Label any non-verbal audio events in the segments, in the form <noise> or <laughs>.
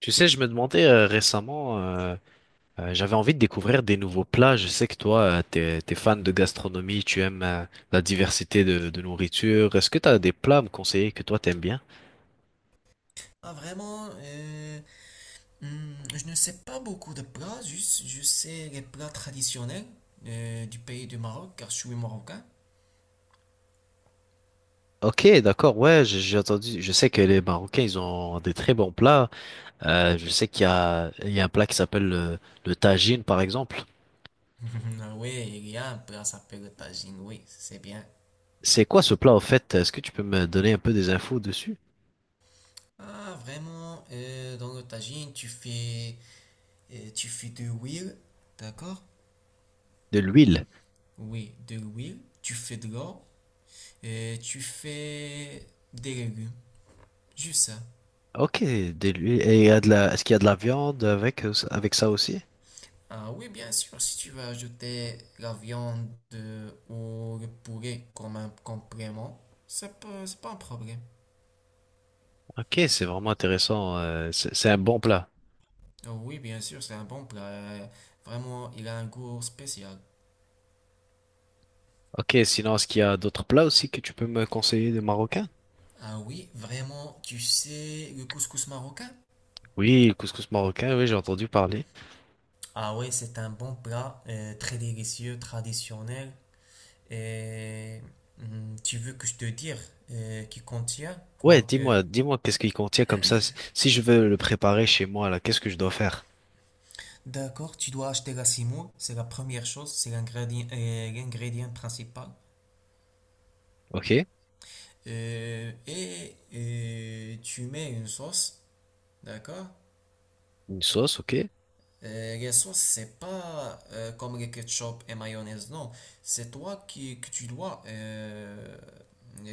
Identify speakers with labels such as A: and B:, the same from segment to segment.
A: Tu sais, je me demandais récemment, j'avais envie de découvrir des nouveaux plats. Je sais que toi, t'es fan de gastronomie, tu aimes la diversité de nourriture. Est-ce que t'as des plats à me conseiller que toi t'aimes bien?
B: Ah, vraiment, je ne sais pas beaucoup de plats, juste je sais les plats traditionnels du pays du Maroc, car je suis marocain.
A: Ok, d'accord, ouais, j'ai entendu, je sais que les Marocains, ils ont des très bons plats. Je sais qu'il y a un plat qui s'appelle le tagine, par exemple.
B: <laughs> Ah oui, il y a un plat qui s'appelle le tagine, oui, c'est bien.
A: C'est quoi ce plat, au fait? Est-ce que tu peux me donner un peu des infos dessus?
B: Ah, vraiment, dans le tagine, tu fais de l'huile, d'accord?
A: De l'huile.
B: Oui, de l'huile, tu fais de l'eau, et tu fais des légumes, juste ça.
A: Ok, de l'huile. Et il y a de la, est-ce qu'il y a de la viande avec, avec ça aussi?
B: Ah oui, bien sûr, si tu veux ajouter la viande ou le poulet comme un complément, c'est pas un problème.
A: Ok, c'est vraiment intéressant. C'est un bon plat.
B: Ah oui, bien sûr, c'est un bon plat. Vraiment, il a un goût spécial.
A: Ok, sinon, est-ce qu'il y a d'autres plats aussi que tu peux me conseiller de marocains?
B: Ah oui, vraiment, tu sais le couscous marocain?
A: Oui, le couscous marocain, oui, j'ai entendu parler.
B: Ah ouais, c'est un bon plat, très délicieux, traditionnel. Et tu veux que je te dise qui contient
A: Ouais,
B: quoi?
A: dis-moi, dis-moi qu'est-ce qu'il contient comme ça. Si je veux le préparer chez moi, là, qu'est-ce que je dois faire?
B: D'accord, tu dois acheter la semoule, c'est la première chose, c'est l'ingrédient l'ingrédient principal.
A: Ok,
B: Et tu mets une sauce, d'accord?
A: une sauce, ok.
B: La sauce, c'est pas comme les ketchup et mayonnaise, non. C'est toi qui que tu dois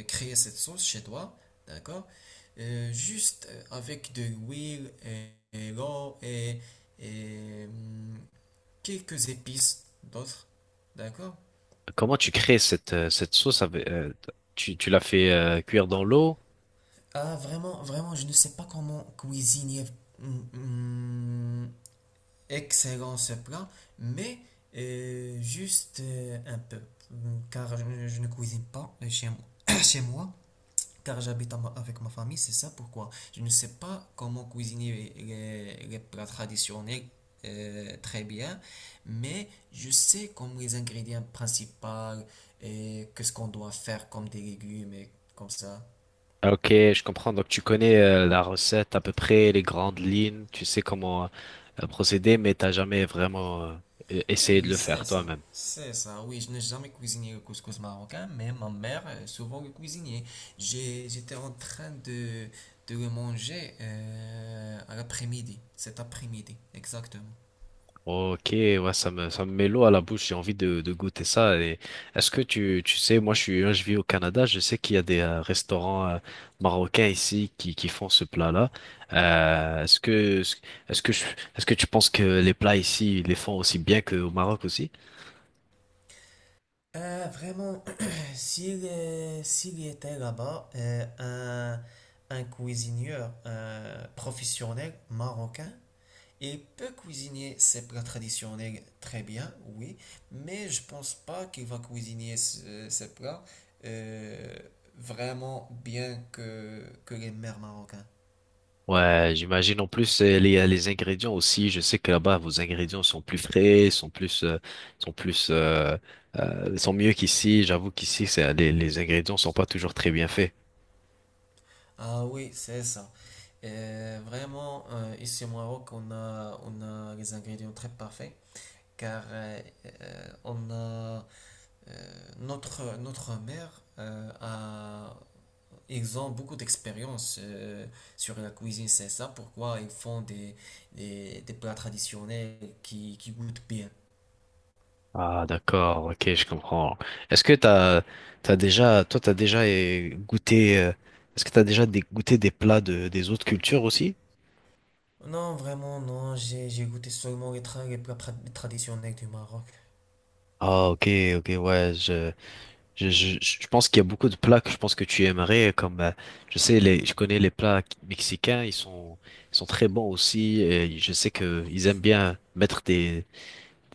B: créer cette sauce chez toi, d'accord? Juste avec de l'huile et l'eau et quelques épices d'autres, d'accord?
A: Comment tu crées cette, cette sauce avec, tu, tu l'as fait cuire dans l'eau?
B: Ah, vraiment, vraiment, je ne sais pas comment cuisiner mm, mm, excellent ce plat, mais juste un peu. Car je ne cuisine pas chez moi, <coughs> <clears throat> chez moi, car j'habite avec ma famille, c'est ça pourquoi. Je ne sais pas comment cuisiner les plats traditionnels très bien, mais je sais comme les ingrédients principaux et qu'est-ce qu'on doit faire comme des légumes et comme ça.
A: Ah, ok, je comprends. Donc tu connais la recette à peu près, les grandes lignes, tu sais comment procéder, mais t'as jamais vraiment essayé de
B: Oui,
A: le
B: c'est
A: faire
B: ça.
A: toi-même.
B: C'est ça, oui, je n'ai jamais cuisiné le couscous marocain, mais ma mère souvent le cuisinait. J'étais en train de le manger à l'après-midi, cet après-midi, exactement.
A: Ok, ouais, ça me met l'eau à la bouche, j'ai envie de goûter ça. Et est-ce que tu sais, moi je suis, hein, je vis au Canada, je sais qu'il y a des restaurants marocains ici qui font ce plat-là. Euh, est-ce que, est-ce que je- est-ce que tu penses que les plats ici, ils les font aussi bien qu'au Maroc aussi?
B: Ah, vraiment, <clears throat> s'il y était là-bas, un cuisinier professionnel marocain, il peut cuisiner ses plats traditionnels très bien, oui, mais je pense pas qu'il va cuisiner ces plats euh, vraiment bien que les mères marocains.
A: Ouais, j'imagine en plus les ingrédients aussi. Je sais que là-bas, vos ingrédients sont plus frais, sont plus, euh, sont mieux qu'ici. J'avoue qu'ici, c'est, les ingrédients sont pas toujours très bien faits.
B: Ah oui, c'est ça. Vraiment, ici au Maroc, on a les ingrédients très parfaits, car on a notre mère ils ont beaucoup d'expérience sur la cuisine, c'est ça pourquoi ils font des plats traditionnels qui goûtent bien.
A: Ah, d'accord, ok, je comprends. Est-ce que t'as, t'as déjà, toi, t'as déjà eh, goûté, est-ce que t'as déjà des- goûté des plats de, des autres cultures aussi?
B: Non, vraiment, non, j'ai goûté seulement les plats traditionnels du Maroc.
A: Ah, ok, ok, ouais, je pense qu'il y a beaucoup de plats que je pense que tu aimerais, comme, je sais, je connais les plats mexicains, ils sont très bons aussi, et je sais que ils aiment bien mettre des,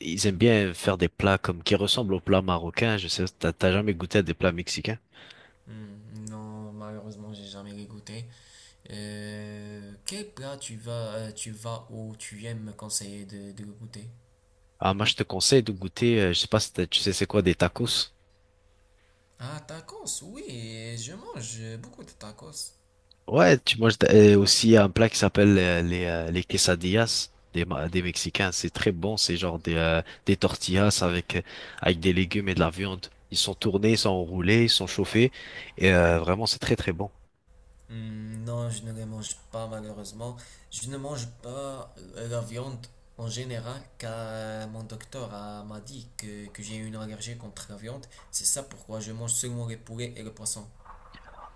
A: ils aiment bien faire des plats comme qui ressemblent aux plats marocains. Je sais, t'as jamais goûté à des plats mexicains?
B: Hmm, non, malheureusement, j'ai jamais les goûté. Quel plat tu vas ou tu aimes me conseiller de goûter?
A: Ah, moi, je te conseille de goûter, je sais pas si t'as- tu sais c'est quoi, des tacos.
B: Ah, tacos, oui, je mange beaucoup de tacos.
A: Ouais, tu manges aussi un plat qui s'appelle les quesadillas des, Ma- des Mexicains. C'est très bon, c'est genre des tortillas avec, avec des légumes et de la viande. Ils sont tournés, ils sont enroulés, ils sont chauffés. Et vraiment, c'est très très bon.
B: Hmm, non, je ne les mange pas malheureusement. Je ne mange pas la viande en général car mon docteur m'a dit que j'ai une allergie contre la viande. C'est ça pourquoi je mange seulement les poulets et le poisson.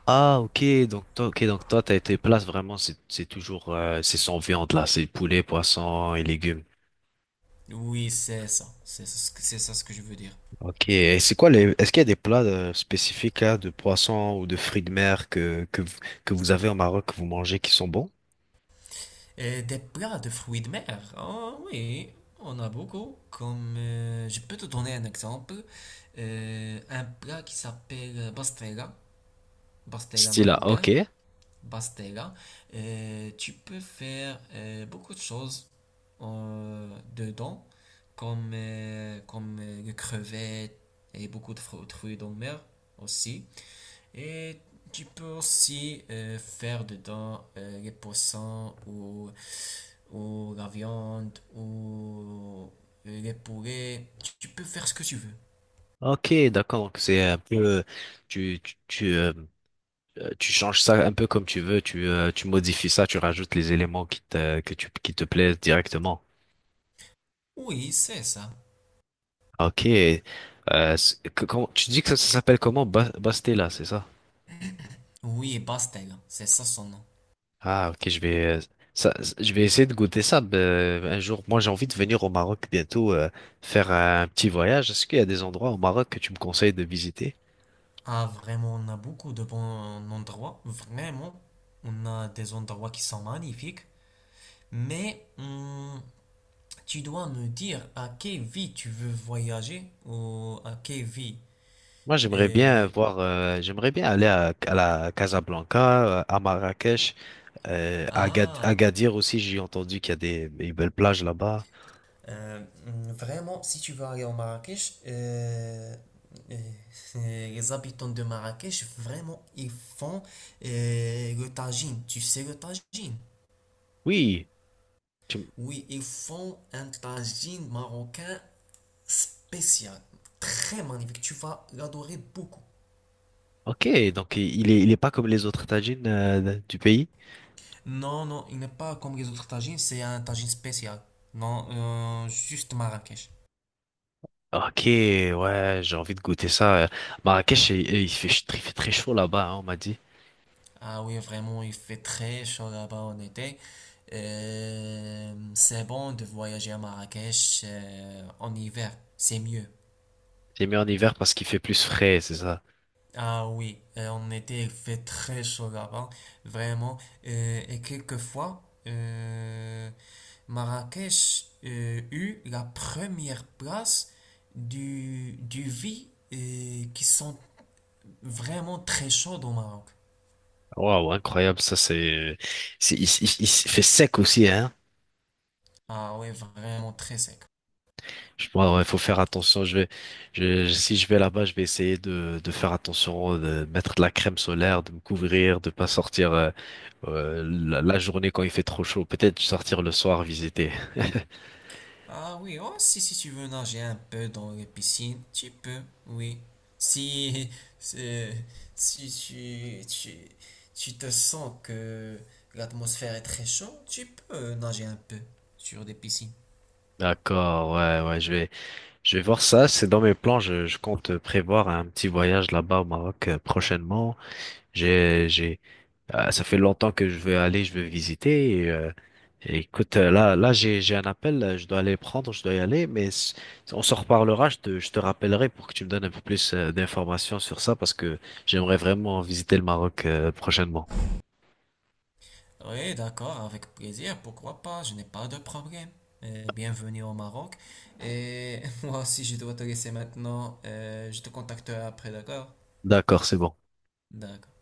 A: Ah, ok, donc toi, t'as été place vraiment, c'est toujours, c'est sans viande là, c'est poulet, poisson et légumes.
B: Oui, c'est ça. C'est ça, c'est ça ce que je veux dire.
A: Ok, et c'est quoi les... Est-ce qu'il y a des plats spécifiques là, de poisson ou de fruits de mer que, que vous avez au Maroc, que vous mangez, qui sont bons?
B: Et des plats de fruits de mer. Ah oui, on a beaucoup. Comme je peux te donner un exemple. Un plat qui s'appelle bastella, bastella
A: Style là,
B: marocain.
A: ok.
B: Bastega, tu peux faire beaucoup de choses euh, dedans, comme les crevettes et beaucoup de fruits de mer aussi. Et tu peux aussi faire dedans les poissons ou la viande ou les poulets. Tu peux faire ce que tu veux.
A: Ok, d'accord. Donc c'est un peu... Tu, tu, tu, euh, tu changes ça un peu comme tu veux, tu, tu modifies ça, tu rajoutes les éléments qui te, que tu, qui te plaisent directement.
B: Oui, c'est ça.
A: Ok. Tu dis que ça s'appelle comment? Bastella, c'est ça?
B: Oui, Bastega, c'est ça son nom.
A: Ah, ok, ça, je vais essayer de goûter ça un jour. Moi, j'ai envie de venir au Maroc bientôt, faire un petit voyage. Est-ce qu'il y a des endroits au Maroc que tu me conseilles de visiter?
B: Ah, vraiment, on a beaucoup de bons endroits. Vraiment, on a des endroits qui sont magnifiques. Mais tu dois me dire à quelle vie tu veux voyager ou à quelle vie.
A: Moi, j'aimerais bien
B: Et-
A: voir, j'aimerais bien aller à la Casablanca, à Marrakech.
B: ah,
A: Agadir aussi, j'ai entendu qu'il y a des belles plages là-bas.
B: Vraiment, si tu veux aller au Marrakech, euh, <laughs> les habitants de Marrakech, vraiment, ils font le tagine. Tu sais le tagine?
A: Oui, tu-
B: Oui, ils font un tagine marocain spécial, très magnifique. Tu vas l'adorer beaucoup.
A: ok, donc il est pas comme les autres tagines du pays.
B: Non, non, il n'est pas comme les autres tagines, c'est un tagine spécial. Non, juste Marrakech.
A: Ok, ouais, j'ai envie de goûter ça. Marrakech, il, il fait très chaud là-bas, hein, on m'a dit.
B: Ah oui, vraiment, il fait très chaud là-bas en été. C'est bon de voyager à Marrakech en hiver, c'est mieux.
A: J'ai mis en hiver parce qu'il fait plus frais, c'est ça.
B: Ah oui, en été, il fait très chaud là-bas, vraiment. Et quelquefois, Marrakech eut la première place du vie qui sont vraiment très chauds au Maroc.
A: Waouh, incroyable, ça c'est, il fait sec aussi, hein.
B: Ah ouais vraiment très sec.
A: Je, il faut faire attention. Si je vais là-bas, je vais essayer de faire attention, de mettre de la crème solaire, de me couvrir, de pas sortir la, la journée quand il fait trop chaud. Peut-être sortir le soir visiter.
B: Ah oui, oh, si, si tu veux nager un peu dans les piscines, tu peux, oui. Si, <laughs> euh, si tu, tu, tu te sens que l'atmosphère est très chaude, tu peux nager un peu sur des piscines.
A: D'accord, ouais, ouais, je vais voir ça. C'est dans mes plans. Je compte prévoir un petit voyage là-bas au Maroc prochainement. J'ai, j'ai, ça fait longtemps que je veux aller, je veux visiter. Et écoute, là, j'ai un appel, je dois aller prendre, je dois y aller, on s'en reparlera. Je te rappellerai pour que tu me donnes un peu plus d'informations sur ça parce que j'aimerais vraiment visiter le Maroc prochainement.
B: Oui, d'accord, avec plaisir, pourquoi pas, je n'ai pas de problème. Bienvenue au Maroc. Et <laughs> moi aussi, je dois te laisser maintenant. Je te contacterai après, d'accord?
A: D'accord, c'est bon.
B: D'accord.